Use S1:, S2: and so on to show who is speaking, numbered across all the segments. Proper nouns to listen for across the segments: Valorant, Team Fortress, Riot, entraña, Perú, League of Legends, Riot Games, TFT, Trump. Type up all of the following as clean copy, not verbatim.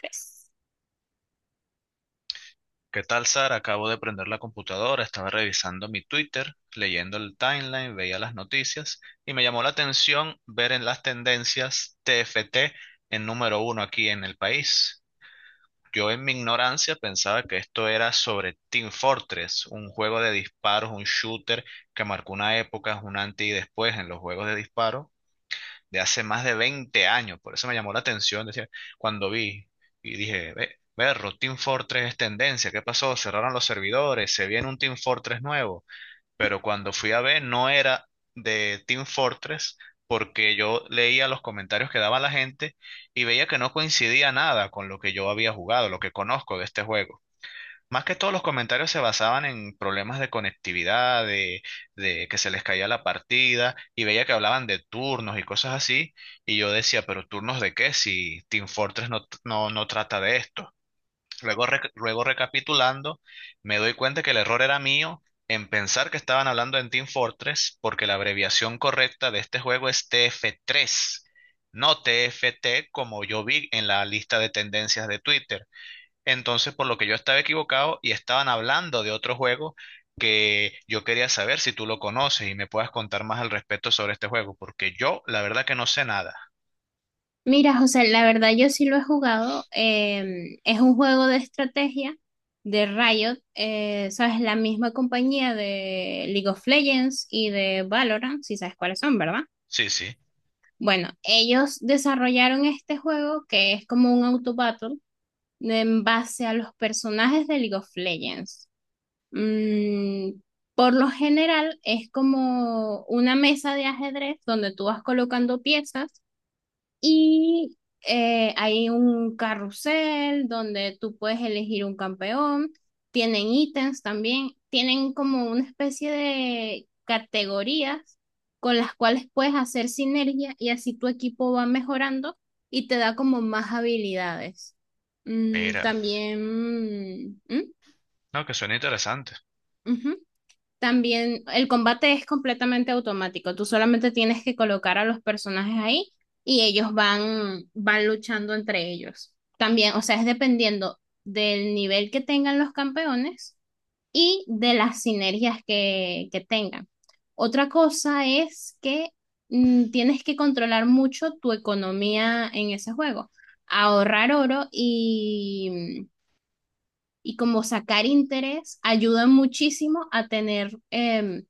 S1: Pues,
S2: ¿Qué tal, Sara? Acabo de prender la computadora, estaba revisando mi Twitter, leyendo el timeline, veía las noticias y me llamó la atención ver en las tendencias TFT en número uno aquí en el país. Yo en mi ignorancia pensaba que esto era sobre Team Fortress, un juego de disparos, un shooter que marcó una época, un antes y después en los juegos de disparo de hace más de 20 años. Por eso me llamó la atención decía, cuando vi y dije, ve, berro, Team Fortress es tendencia. ¿Qué pasó? Cerraron los servidores, se viene un Team Fortress nuevo. Pero cuando fui a ver, no era de Team Fortress porque yo leía los comentarios que daba la gente y veía que no coincidía nada con lo que yo había jugado, lo que conozco de este juego. Más que todos los comentarios se basaban en problemas de conectividad, de que se les caía la partida, y veía que hablaban de turnos y cosas así, y yo decía, pero turnos de qué si Team Fortress no, no, no trata de esto. Luego, luego recapitulando, me doy cuenta que el error era mío en pensar que estaban hablando en Team Fortress, porque la abreviación correcta de este juego es TF3, no TFT como yo vi en la lista de tendencias de Twitter. Entonces, por lo que yo estaba equivocado y estaban hablando de otro juego que yo quería saber si tú lo conoces y me puedas contar más al respecto sobre este juego, porque yo la verdad que no sé nada.
S1: mira, José, la verdad yo sí lo he jugado. Es un juego de estrategia de Riot, sabes, la misma compañía de League of Legends y de Valorant, si sabes cuáles son, ¿verdad?
S2: Sí, sí,
S1: Bueno, ellos desarrollaron este juego que es como un auto battle en base a los personajes de League of Legends. Mm, por lo general es como una mesa de ajedrez donde tú vas colocando piezas y hay un carrusel donde tú puedes elegir un campeón. Tienen ítems también. Tienen como una especie de categorías con las cuales puedes hacer sinergia y así tu equipo va mejorando y te da como más habilidades. Mm,
S2: mira,
S1: también... mm, ¿mm?
S2: no, que suena interesante.
S1: Ujú. También el combate es completamente automático. Tú solamente tienes que colocar a los personajes ahí y ellos van luchando entre ellos. También, o sea, es dependiendo del nivel que tengan los campeones y de las sinergias que tengan. Otra cosa es que tienes que controlar mucho tu economía en ese juego. Ahorrar oro y como sacar interés ayuda muchísimo a tener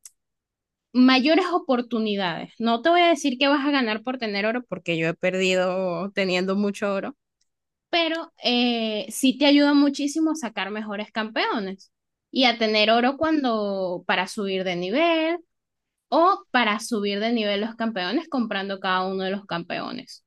S1: mayores oportunidades. No te voy a decir que vas a ganar por tener oro, porque yo he perdido teniendo mucho oro, pero sí te ayuda muchísimo a sacar mejores campeones y a tener oro cuando para subir de nivel o para subir de nivel los campeones comprando cada uno de los campeones.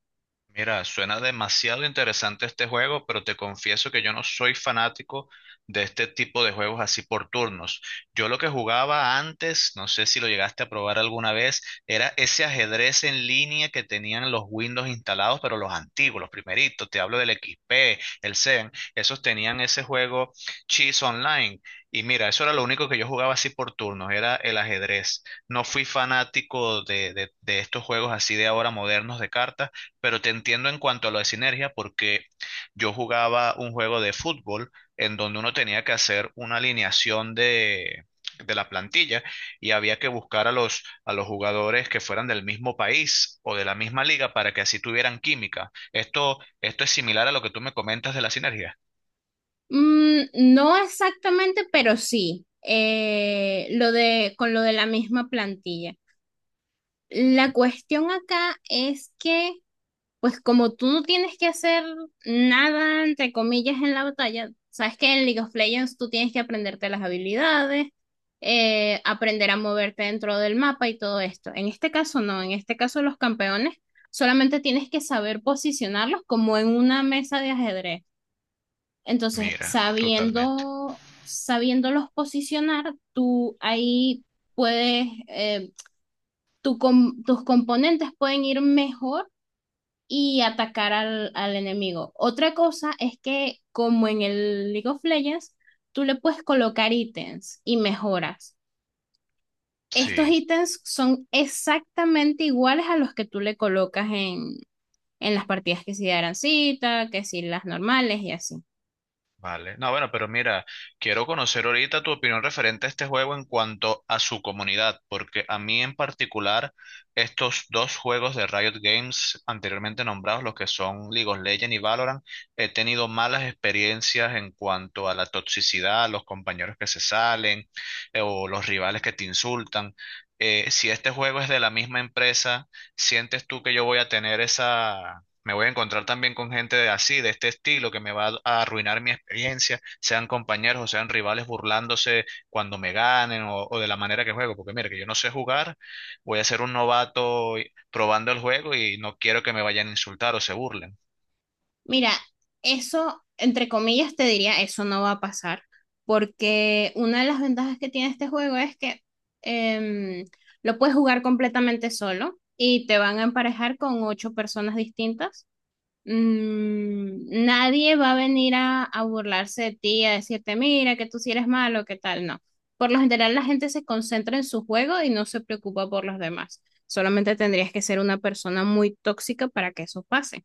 S2: Mira, suena demasiado interesante este juego, pero te confieso que yo no soy fanático de este tipo de juegos así por turnos. Yo lo que jugaba antes, no sé si lo llegaste a probar alguna vez, era ese ajedrez en línea que tenían los Windows instalados, pero los antiguos, los primeritos, te hablo del XP, el CEN, esos tenían ese juego Chess Online. Y mira, eso era lo único que yo jugaba así por turnos, era el ajedrez. No fui fanático de, de estos juegos así de ahora modernos de cartas, pero te entiendo en cuanto a lo de sinergia, porque yo jugaba un juego de fútbol en donde uno tenía que hacer una alineación de la plantilla y había que buscar a los jugadores que fueran del mismo país o de la misma liga para que así tuvieran química. Esto es similar a lo que tú me comentas de la sinergia.
S1: Mm, no exactamente, pero sí. Lo de con lo de la misma plantilla. La cuestión acá es que pues como tú no tienes que hacer nada, entre comillas, en la batalla, sabes que en League of Legends tú tienes que aprenderte las habilidades, aprender a moverte dentro del mapa y todo esto. En este caso no, en este caso los campeones solamente tienes que saber posicionarlos como en una mesa de ajedrez. Entonces,
S2: Mira, totalmente.
S1: sabiendo, sabiéndolos posicionar, tú ahí puedes, tus componentes pueden ir mejor y atacar al, al enemigo. Otra cosa es que, como en el League of Legends, tú le puedes colocar ítems y mejoras. Estos
S2: Sí.
S1: ítems son exactamente iguales a los que tú le colocas en las partidas que si de Arancita, que si las normales y así.
S2: Vale. No, bueno, pero mira, quiero conocer ahorita tu opinión referente a este juego en cuanto a su comunidad, porque a mí en particular, estos dos juegos de Riot Games anteriormente nombrados, los que son League of Legends y Valorant, he tenido malas experiencias en cuanto a la toxicidad, los compañeros que se salen, o los rivales que te insultan. Si este juego es de la misma empresa, ¿sientes tú que yo voy a tener esa... Me voy a encontrar también con gente de así, de este estilo, que me va a arruinar mi experiencia, sean compañeros o sean rivales burlándose cuando me ganen o de la manera que juego, porque mira, que yo no sé jugar, voy a ser un novato probando el juego y no quiero que me vayan a insultar o se burlen.
S1: Mira, eso, entre comillas, te diría, eso no va a pasar, porque una de las ventajas que tiene este juego es que em, lo puedes jugar completamente solo y te van a emparejar con ocho personas distintas. Mm, nadie va a venir a burlarse de ti, a decirte, mira, que tú si eres malo, qué tal, no. Por lo general, la gente se concentra en su juego y no se preocupa por los demás. Solamente tendrías que ser una persona muy tóxica para que eso pase.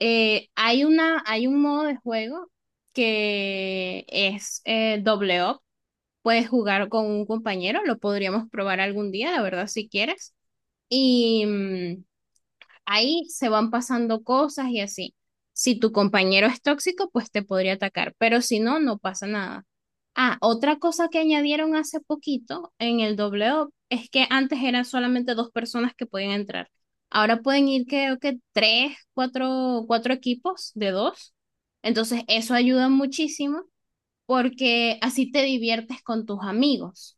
S1: Hay una, hay un modo de juego que es doble up. Puedes jugar con un compañero, lo podríamos probar algún día, la verdad, si quieres. Y, ahí se van pasando cosas y así. Si tu compañero es tóxico, pues te podría atacar, pero si no, no pasa nada. Ah, otra cosa que añadieron hace poquito en el W es que antes eran solamente dos personas que podían entrar. Ahora pueden ir, creo que tres, cuatro, cuatro equipos de dos. Entonces, eso ayuda muchísimo porque así te diviertes con tus amigos.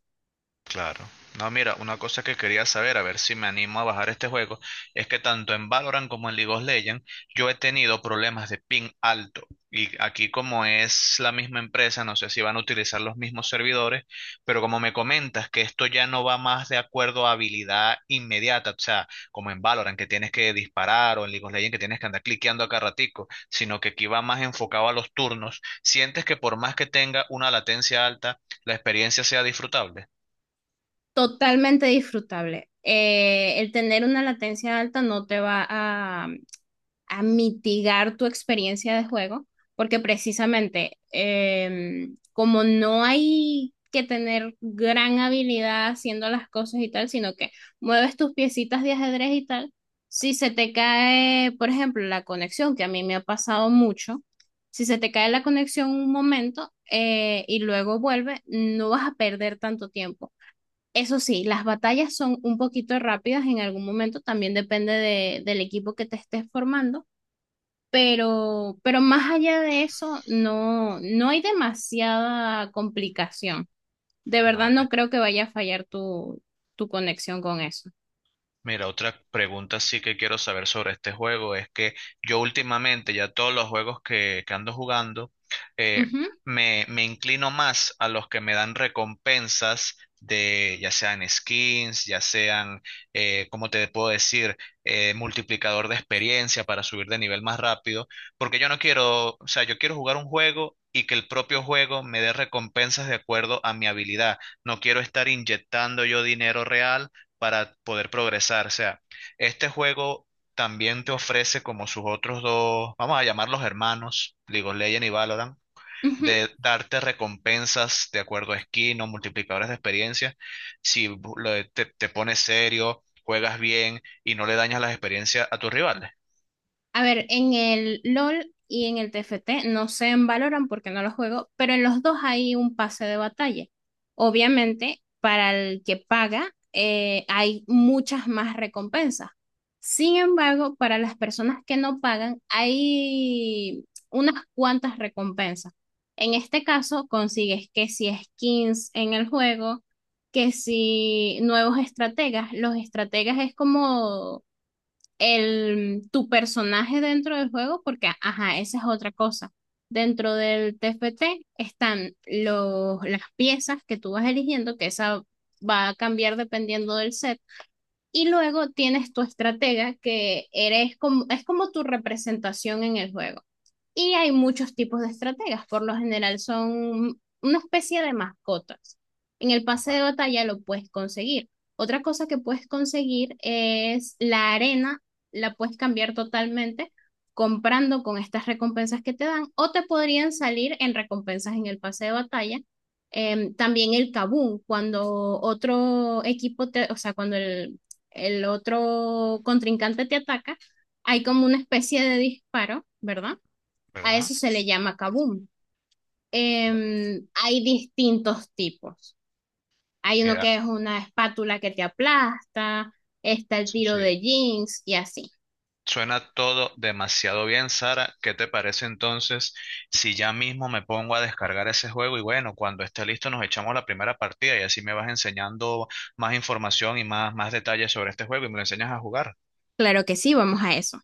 S2: Claro. No, mira, una cosa que quería saber, a ver si me animo a bajar este juego, es que tanto en Valorant como en League of Legends yo he tenido problemas de ping alto. Y aquí como es la misma empresa, no sé si van a utilizar los mismos servidores, pero como me comentas que esto ya no va más de acuerdo a habilidad inmediata, o sea, como en Valorant que tienes que disparar o en League of Legends que tienes que andar cliqueando acá ratico, sino que aquí va más enfocado a los turnos, ¿sientes que por más que tenga una latencia alta, la experiencia sea disfrutable?
S1: Totalmente disfrutable. El tener una latencia alta no te va a mitigar tu experiencia de juego, porque precisamente como no hay que tener gran habilidad haciendo las cosas y tal, sino que mueves tus piecitas de ajedrez y tal, si se te cae, por ejemplo, la conexión, que a mí me ha pasado mucho, si se te cae la conexión un momento y luego vuelve, no vas a perder tanto tiempo. Eso sí, las batallas son un poquito rápidas en algún momento, también depende del equipo que te estés formando pero más allá de eso, no, no hay demasiada complicación. De verdad no
S2: Vale.
S1: creo que vaya a fallar tu, tu conexión con eso.
S2: Mira, otra pregunta sí que quiero saber sobre este juego es que yo últimamente ya todos los juegos que ando jugando, eh,
S1: Ujú,
S2: me, me inclino más a los que me dan recompensas de ya sean skins, ya sean, ¿cómo te puedo decir? Multiplicador de experiencia para subir de nivel más rápido, porque yo no quiero, o sea, yo quiero jugar un juego y que el propio juego me dé recompensas de acuerdo a mi habilidad. No quiero estar inyectando yo dinero real para poder progresar. O sea, este juego también te ofrece como sus otros dos, vamos a llamarlos hermanos, League of Legends y Valorant,
S1: ujú.
S2: de darte recompensas de acuerdo a skin o multiplicadores de experiencia. Si te pones serio, juegas bien y no le dañas las experiencias a tus rivales.
S1: A ver, en el LOL y en el TFT no se en Valorant porque no lo juego, pero en los dos hay un pase de batalla. Obviamente, para el que paga, hay muchas más recompensas. Sin embargo, para las personas que no pagan, hay unas cuantas recompensas. En este caso, consigues que si skins en el juego, que si nuevos estrategas, los estrategas es como el, tu personaje dentro del juego, porque, ajá, esa es otra cosa. Dentro del TFT están los, las piezas que tú vas eligiendo, que esa va a cambiar dependiendo del set, y luego tienes tu estratega, que eres como, es como tu representación en el juego. Y hay muchos tipos de estrategas, por lo general son una especie de mascotas. En el pase de batalla lo puedes conseguir. Otra cosa que puedes conseguir es la arena, la puedes cambiar totalmente comprando con estas recompensas que te dan o te podrían salir en recompensas en el pase de batalla. También el kabum, cuando otro equipo te, o sea, cuando el otro contrincante te ataca, hay como una especie de disparo, ¿verdad? A
S2: ¿Verdad?
S1: eso se le llama kaboom. Hay distintos tipos. Hay uno
S2: Mira,
S1: que es una espátula que te aplasta, está el
S2: sí.
S1: tiro
S2: Sí.
S1: de jeans y así.
S2: Suena todo demasiado bien, Sara. ¿Qué te parece entonces si ya mismo me pongo a descargar ese juego y bueno, cuando esté listo nos echamos la primera partida y así me vas enseñando más información y más detalles sobre este juego y me lo enseñas a jugar?
S1: Claro que sí, vamos a eso.